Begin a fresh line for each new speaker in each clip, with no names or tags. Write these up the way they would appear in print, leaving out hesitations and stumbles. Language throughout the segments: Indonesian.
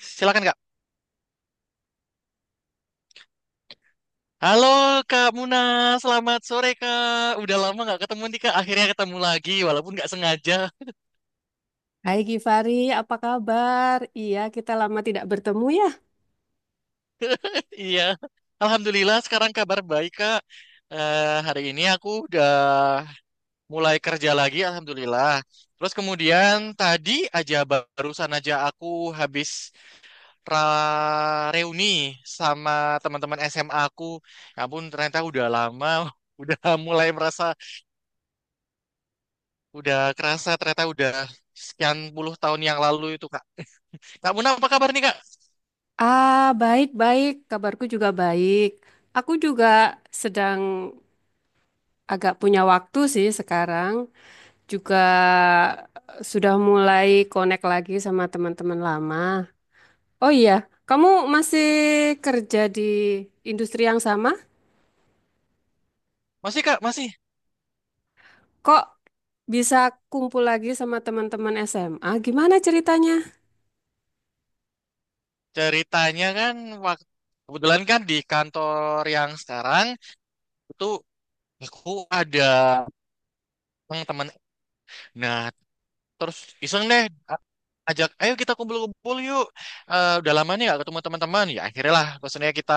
Silakan Kak. Halo Kak Muna, selamat sore Kak. Udah lama nggak ketemu nih Kak. Akhirnya ketemu lagi, walaupun nggak sengaja.
Hai Gifari, apa kabar? Iya, kita lama tidak bertemu ya.
Iya. Alhamdulillah sekarang kabar baik Kak. Hari ini aku udah mulai kerja lagi, Alhamdulillah. Terus kemudian tadi aja barusan aja aku habis reuni sama teman-teman SMA aku. Ya ampun, ternyata udah lama, udah mulai merasa. Udah kerasa ternyata udah sekian puluh tahun yang lalu itu, Kak. Kak Muna, apa kabar nih, Kak?
Ah, baik-baik. Kabarku juga baik. Aku juga sedang agak punya waktu sih sekarang. Juga sudah mulai connect lagi sama teman-teman lama. Oh iya, kamu masih kerja di industri yang sama?
Masih, Kak? Masih?
Kok bisa kumpul lagi sama teman-teman SMA? Gimana ceritanya?
Ceritanya kan, waktu, kebetulan kan di kantor yang sekarang, itu aku ada teman-teman. Nah, terus iseng deh, ajak, ayo kita kumpul-kumpul yuk. Eh, udah lama nih gak ketemu teman-teman. Ya akhirnya lah, maksudnya kita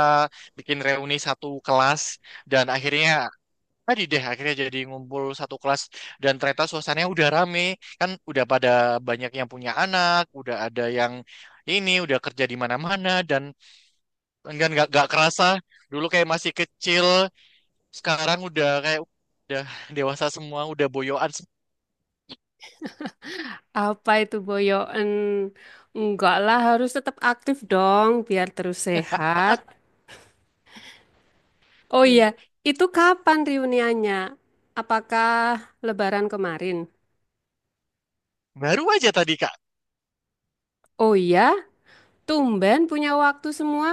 bikin reuni satu kelas. Dan akhirnya tadi deh akhirnya jadi ngumpul satu kelas dan ternyata suasananya udah rame, kan udah pada banyak yang punya anak, udah ada yang ini udah kerja di mana-mana dan enggak nggak kerasa. Dulu kayak masih kecil, sekarang udah kayak udah dewasa semua, udah boyoan.
Apa itu boyoen? Enggak lah, harus tetap aktif dong biar terus sehat. Oh iya, itu kapan reuniannya? Apakah lebaran kemarin?
Baru aja tadi kak.
Oh iya, tumben punya waktu semua.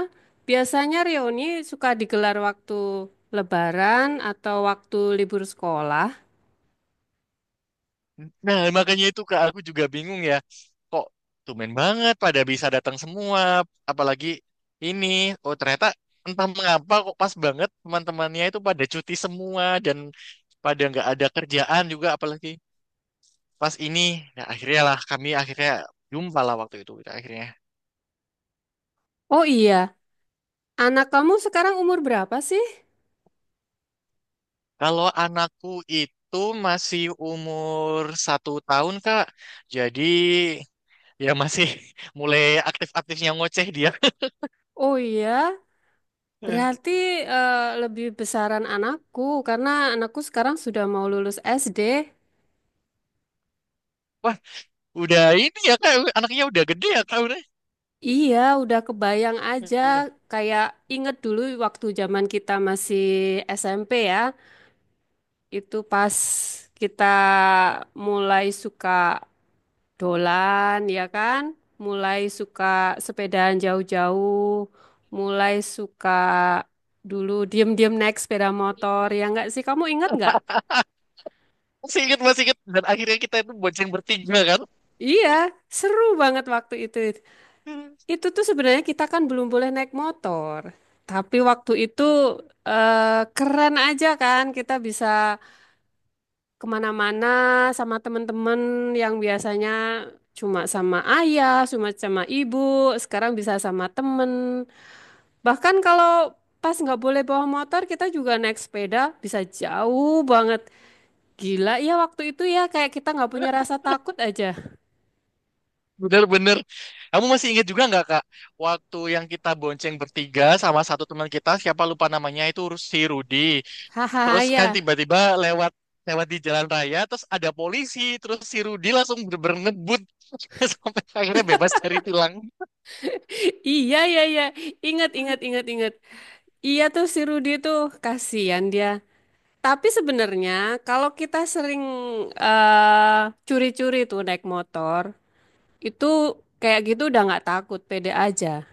Biasanya reuni suka digelar waktu lebaran atau waktu libur sekolah.
Nah makanya itu kak, aku juga bingung ya, kok tumben banget pada bisa datang semua, apalagi ini. Oh ternyata entah mengapa kok pas banget teman-temannya itu pada cuti semua dan pada nggak ada kerjaan juga, apalagi pas ini. Nah akhirnya lah kami akhirnya jumpa lah, waktu itu kita akhirnya.
Oh iya, anak kamu sekarang umur berapa sih?
Kalau anakku itu masih umur satu tahun kak, jadi ya masih mulai aktif-aktifnya ngoceh dia.
Oh iya, berarti eh, lebih besaran anakku karena anakku sekarang sudah mau lulus SD.
Wah, udah ini ya kak, anaknya udah gede ya kak.
Iya, udah kebayang aja
Udah.
kayak inget dulu waktu zaman kita masih SMP ya. Itu pas kita mulai suka dolan ya kan, mulai suka sepedaan jauh-jauh, mulai suka dulu diem-diem naik sepeda motor ya nggak sih? Kamu ingat nggak?
Masih ingat, masih ingat. Dan akhirnya kita itu bonceng bertiga kan.
Iya, seru banget waktu itu. Itu tuh sebenarnya kita kan belum boleh naik motor. Tapi waktu itu keren aja kan kita bisa kemana-mana sama temen-temen yang biasanya cuma sama ayah, cuma sama ibu, sekarang bisa sama temen. Bahkan kalau pas nggak boleh bawa motor, kita juga naik sepeda bisa jauh banget. Gila ya waktu itu ya kayak kita nggak punya rasa takut aja.
Bener-bener. Kamu masih ingat juga nggak Kak? Waktu yang kita bonceng bertiga sama satu teman kita, siapa lupa namanya itu, si Rudi.
Hahaha
Terus kan
ya.
tiba-tiba lewat lewat di jalan raya, terus ada polisi, terus si Rudi langsung bener ngebut sampai akhirnya bebas dari tilang.
Iya ya ya. Ingat ingat ingat ingat. Iya tuh si Rudy tuh kasihan dia. Tapi sebenarnya kalau kita sering eh, curi-curi tuh naik motor, itu kayak gitu udah nggak takut, pede aja.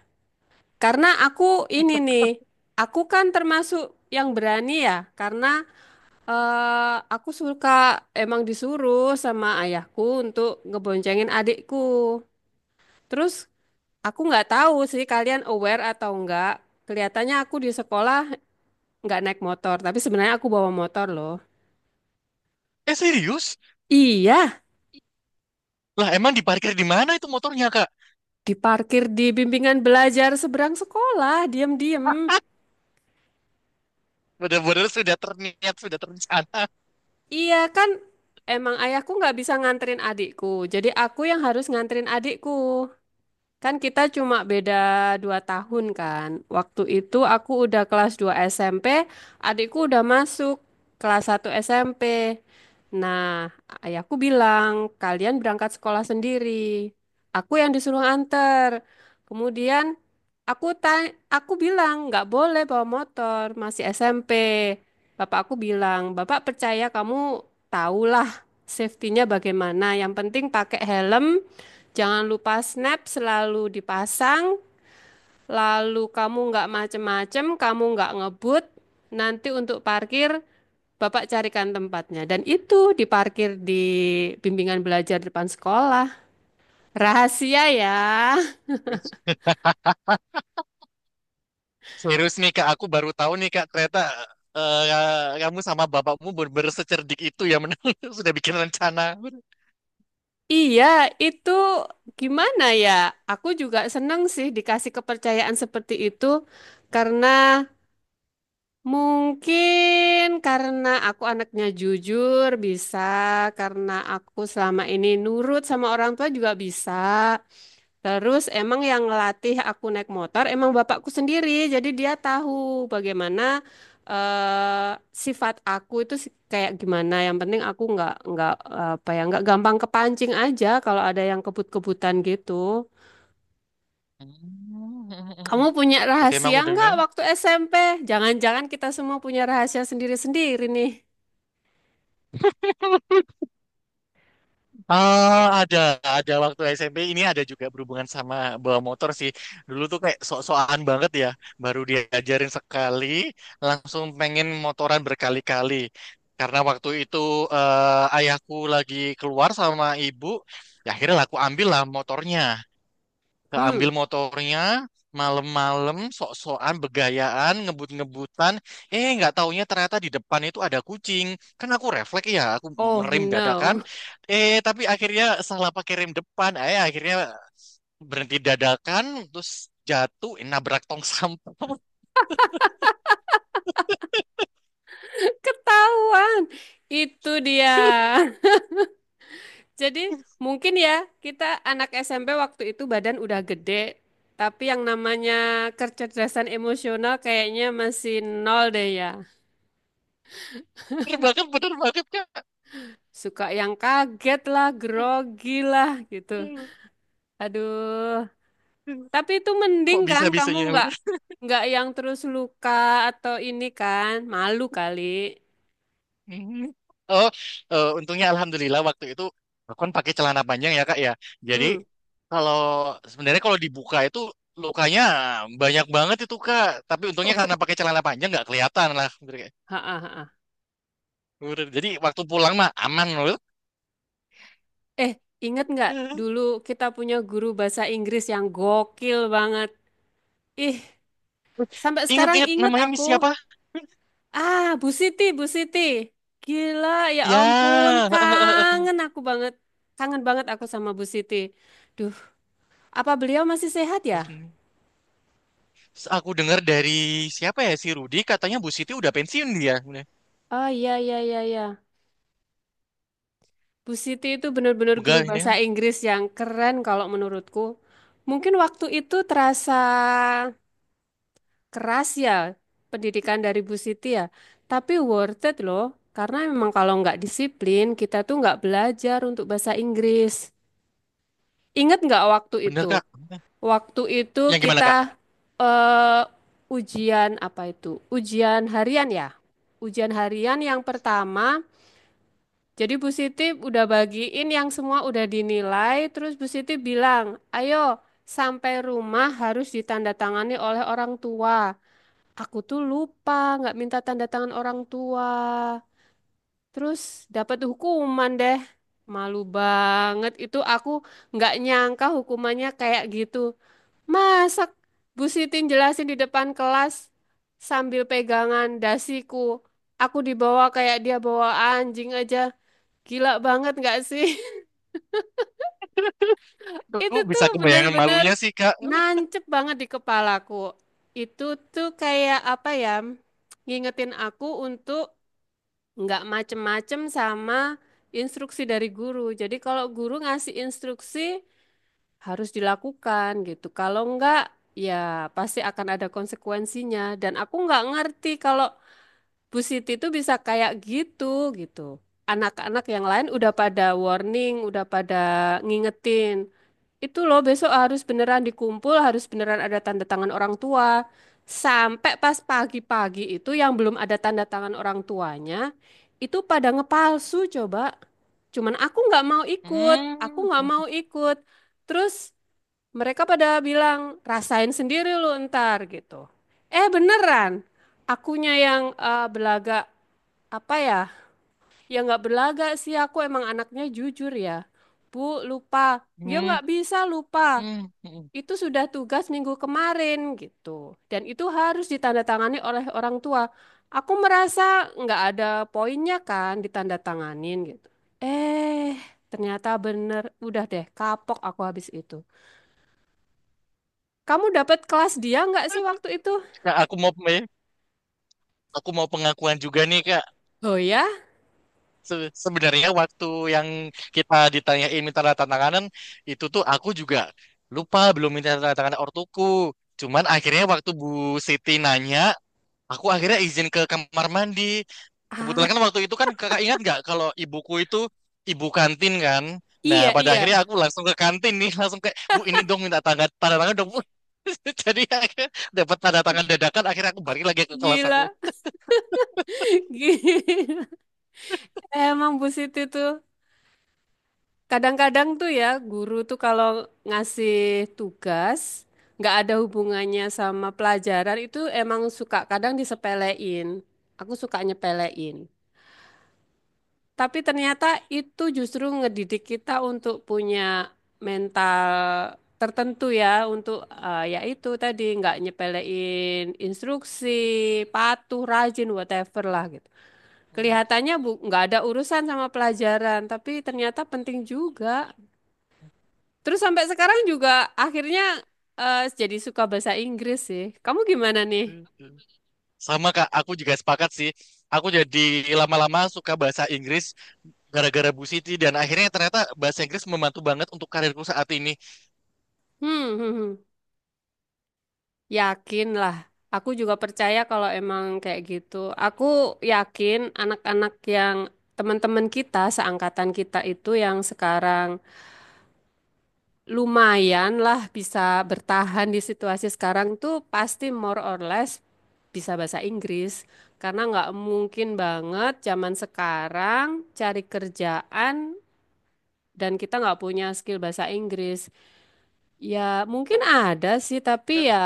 Karena aku ini nih, aku kan termasuk yang berani ya, karena aku suka emang disuruh sama ayahku untuk ngeboncengin adikku. Terus aku nggak tahu sih kalian aware atau enggak. Kelihatannya aku di sekolah nggak naik motor, tapi sebenarnya aku bawa motor loh.
Eh serius?
Iya,
Lah emang diparkir di mana itu motornya Kak?
diparkir di bimbingan belajar seberang sekolah, diam-diam.
Bener-bener sudah terniat, sudah terencana.
Iya kan, emang ayahku nggak bisa nganterin adikku, jadi aku yang harus nganterin adikku. Kan kita cuma beda dua tahun kan. Waktu itu aku udah kelas 2 SMP, adikku udah masuk kelas 1 SMP. Nah, ayahku bilang, kalian berangkat sekolah sendiri. Aku yang disuruh anter. Kemudian aku tanya, aku bilang, nggak boleh bawa motor, masih SMP. Bapak aku bilang, Bapak percaya kamu tahulah safety-nya bagaimana. Yang penting pakai helm, jangan lupa snap selalu dipasang, lalu kamu nggak macem-macem, kamu nggak ngebut. Nanti untuk parkir, Bapak carikan tempatnya. Dan itu diparkir di bimbingan belajar depan sekolah. Rahasia ya.
Serius nih Kak, aku baru tahu nih Kak, ternyata eh, kamu sama bapakmu bener secerdik itu ya, men. Sudah bikin rencana.
Iya, itu gimana ya? Aku juga seneng sih dikasih kepercayaan seperti itu, karena mungkin karena aku anaknya jujur bisa, karena aku selama ini nurut sama orang tua juga bisa. Terus emang yang ngelatih aku naik motor emang bapakku sendiri, jadi dia tahu bagaimana eh, sifat aku itu kayak gimana. Yang penting aku nggak apa ya, nggak gampang kepancing aja kalau ada yang kebut-kebutan gitu. Kamu punya
Oke, emang
rahasia
udah
nggak
bilang.
waktu SMP? Jangan-jangan kita semua punya rahasia sendiri-sendiri nih.
Ah, ada waktu SMP ini ada juga berhubungan sama bawa motor sih. Dulu tuh kayak sok-sokan banget ya, baru diajarin sekali, langsung pengen motoran berkali-kali. Karena waktu itu ayahku lagi keluar sama ibu, ya akhirnya lah aku ambil lah motornya.
Hmm.
Keambil motornya malam-malam, sok-sokan begayaan ngebut-ngebutan. Eh nggak taunya ternyata di depan itu ada kucing, kan aku refleks ya, aku
Oh
ngerem dadakan.
no,
Eh tapi akhirnya salah pakai rem depan, eh akhirnya berhenti dadakan, terus jatuh, eh, nabrak tong sampah.
ketahuan. Itu dia. Jadi mungkin ya kita anak SMP waktu itu badan udah gede, tapi yang namanya kecerdasan emosional kayaknya masih nol deh ya.
Bener banget, bener banget kak.
Suka yang kaget lah, grogi lah gitu. Aduh, tapi itu mending
Kok
kan kamu
bisa-bisanya.
nggak yang terus luka atau ini kan malu kali.
Hmm. Oh, untungnya alhamdulillah waktu itu aku kan pakai celana panjang ya Kak ya. Jadi
Hmm.
kalau sebenarnya kalau dibuka itu lukanya banyak banget itu Kak. Tapi untungnya karena pakai celana panjang nggak kelihatan lah.
Ha, ha, ha.
Jadi waktu pulang mah aman loh.
Eh, ingat nggak dulu kita punya guru bahasa Inggris yang gokil banget. Ih, sampai sekarang
Ingat-ingat,
ingat
namanya Miss
aku.
siapa?
Ah, Bu Siti, Bu Siti. Gila, ya ampun,
Ya,
kangen aku banget. Kangen banget aku sama Bu Siti. Duh, apa beliau masih sehat ya?
aku dengar dari siapa ya, si Rudi katanya Bu Siti udah pensiun dia. Bener.
Oh iya, iya, iya, iya. Bu Siti itu benar-benar guru
Megah ini.
bahasa Inggris yang keren kalau menurutku. Mungkin waktu itu terasa keras ya pendidikan dari Bu Siti ya. Tapi worth it loh, karena memang kalau nggak disiplin, kita tuh nggak belajar untuk bahasa Inggris. Ingat nggak waktu
Bener
itu?
Kak.
Waktu itu
Yang gimana
kita
Kak?
eh, ujian apa itu? Ujian harian ya. Ujian harian yang pertama, jadi Bu Siti udah bagiin yang semua udah dinilai, terus Bu Siti bilang, ayo sampai rumah harus ditandatangani oleh orang tua. Aku tuh lupa nggak minta tanda tangan orang tua. Terus dapat hukuman deh. Malu banget itu aku nggak nyangka hukumannya kayak gitu. Masa Bu Siti jelasin di depan kelas sambil pegangan dasiku. Aku dibawa kayak dia bawa anjing aja. Gila banget nggak sih? Itu
Tuh,
tuh
bisa kebayangan
bener-bener
malunya sih Kak.
nancep banget di kepalaku. Itu tuh kayak apa ya? Ngingetin aku untuk nggak macem-macem sama instruksi dari guru. Jadi kalau guru ngasih instruksi harus dilakukan gitu. Kalau nggak ya pasti akan ada konsekuensinya. Dan aku nggak ngerti kalau Bu Siti itu bisa kayak gitu gitu. Anak-anak yang lain udah pada warning, udah pada ngingetin. Itu loh besok harus beneran dikumpul, harus beneran ada tanda tangan orang tua. Sampai pas pagi-pagi itu yang belum ada tanda tangan orang tuanya, itu pada ngepalsu coba. Cuman aku nggak mau ikut, aku
Hmm.
nggak mau ikut. Terus mereka pada bilang, rasain sendiri lu ntar gitu. Eh beneran, akunya yang belagak apa ya? Yang nggak belagak sih, aku emang anaknya jujur ya. Bu, lupa. Dia
Hmm,
nggak bisa lupa
hmm, hmm.
itu sudah tugas minggu kemarin gitu. Dan itu harus ditandatangani oleh orang tua. Aku merasa nggak ada poinnya kan ditandatanganin gitu. Eh, ternyata bener. Udah deh, kapok aku habis itu. Kamu dapat kelas dia nggak sih waktu itu?
Nah, aku mau aku mau pengakuan juga nih Kak.
Oh ya?
Sebenarnya waktu yang kita ditanyain minta tanda tanganan, itu tuh aku juga lupa belum minta tanda tangan ortuku. Cuman akhirnya waktu Bu Siti nanya, aku akhirnya izin ke kamar mandi.
Ah,
Kebetulan kan waktu itu kan kakak ingat nggak kalau ibuku itu ibu kantin kan. Nah
iya,
pada
iya.
akhirnya aku langsung ke kantin nih, langsung kayak, bu ini dong minta tanda tanda tangan dong bu. Jadi akhirnya dapat tanda tangan dadakan, akhirnya aku balik lagi ke kelas aku.
Gila. Gila. Emang Bu Siti tuh. Kadang-kadang tuh ya guru tuh kalau ngasih tugas nggak ada hubungannya sama pelajaran itu emang suka kadang disepelein. Aku suka nyepelein. Tapi ternyata itu justru ngedidik kita untuk punya mental tertentu ya untuk ya itu tadi nggak nyepelein instruksi, patuh, rajin, whatever lah gitu. Kelihatannya bu nggak ada urusan sama pelajaran, tapi ternyata penting juga. Terus sampai sekarang juga akhirnya jadi suka bahasa Inggris sih. Kamu gimana nih?
Sama kak, aku juga sepakat sih. Aku jadi lama-lama suka bahasa Inggris gara-gara Bu Siti dan akhirnya ternyata bahasa Inggris membantu banget untuk karirku saat ini.
Hmm, hmm, hmm. Yakin lah. Aku juga percaya kalau emang kayak gitu. Aku yakin anak-anak yang teman-teman kita, seangkatan kita itu yang sekarang lumayan lah bisa bertahan di situasi sekarang tuh pasti more or less bisa bahasa Inggris. Karena nggak mungkin banget zaman sekarang cari kerjaan dan kita nggak punya skill bahasa Inggris. Ya mungkin ada sih, tapi ya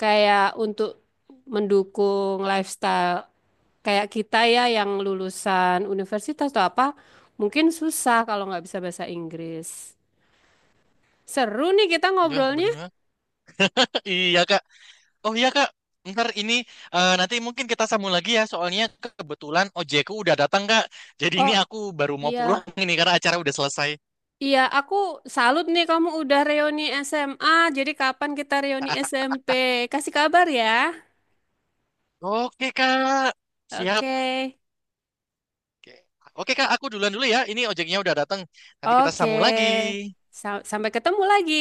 kayak untuk mendukung lifestyle kayak kita ya yang lulusan universitas atau apa, mungkin susah kalau nggak bisa bahasa Inggris. Seru nih kita
Ya,
ngobrolnya.
benar. Iya kak. Oh iya Kak, ntar ini nanti mungkin kita sambung lagi ya, soalnya kebetulan ojekku udah datang Kak. Jadi ini
Oh
aku baru mau pulang
iya,
ini karena acara udah selesai.
iya aku salut nih kamu udah reuni SMA. Jadi kapan kita reuni SMP? Kasih kabar ya.
Oke Kak, siap.
Oke.
Oke, Oke Kak, aku duluan dulu ya. Ini ojeknya udah datang. Nanti kita
Oke,
sambung lagi.
Sampai ketemu lagi.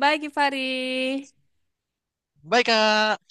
Bye, Givari.
Bye Kak.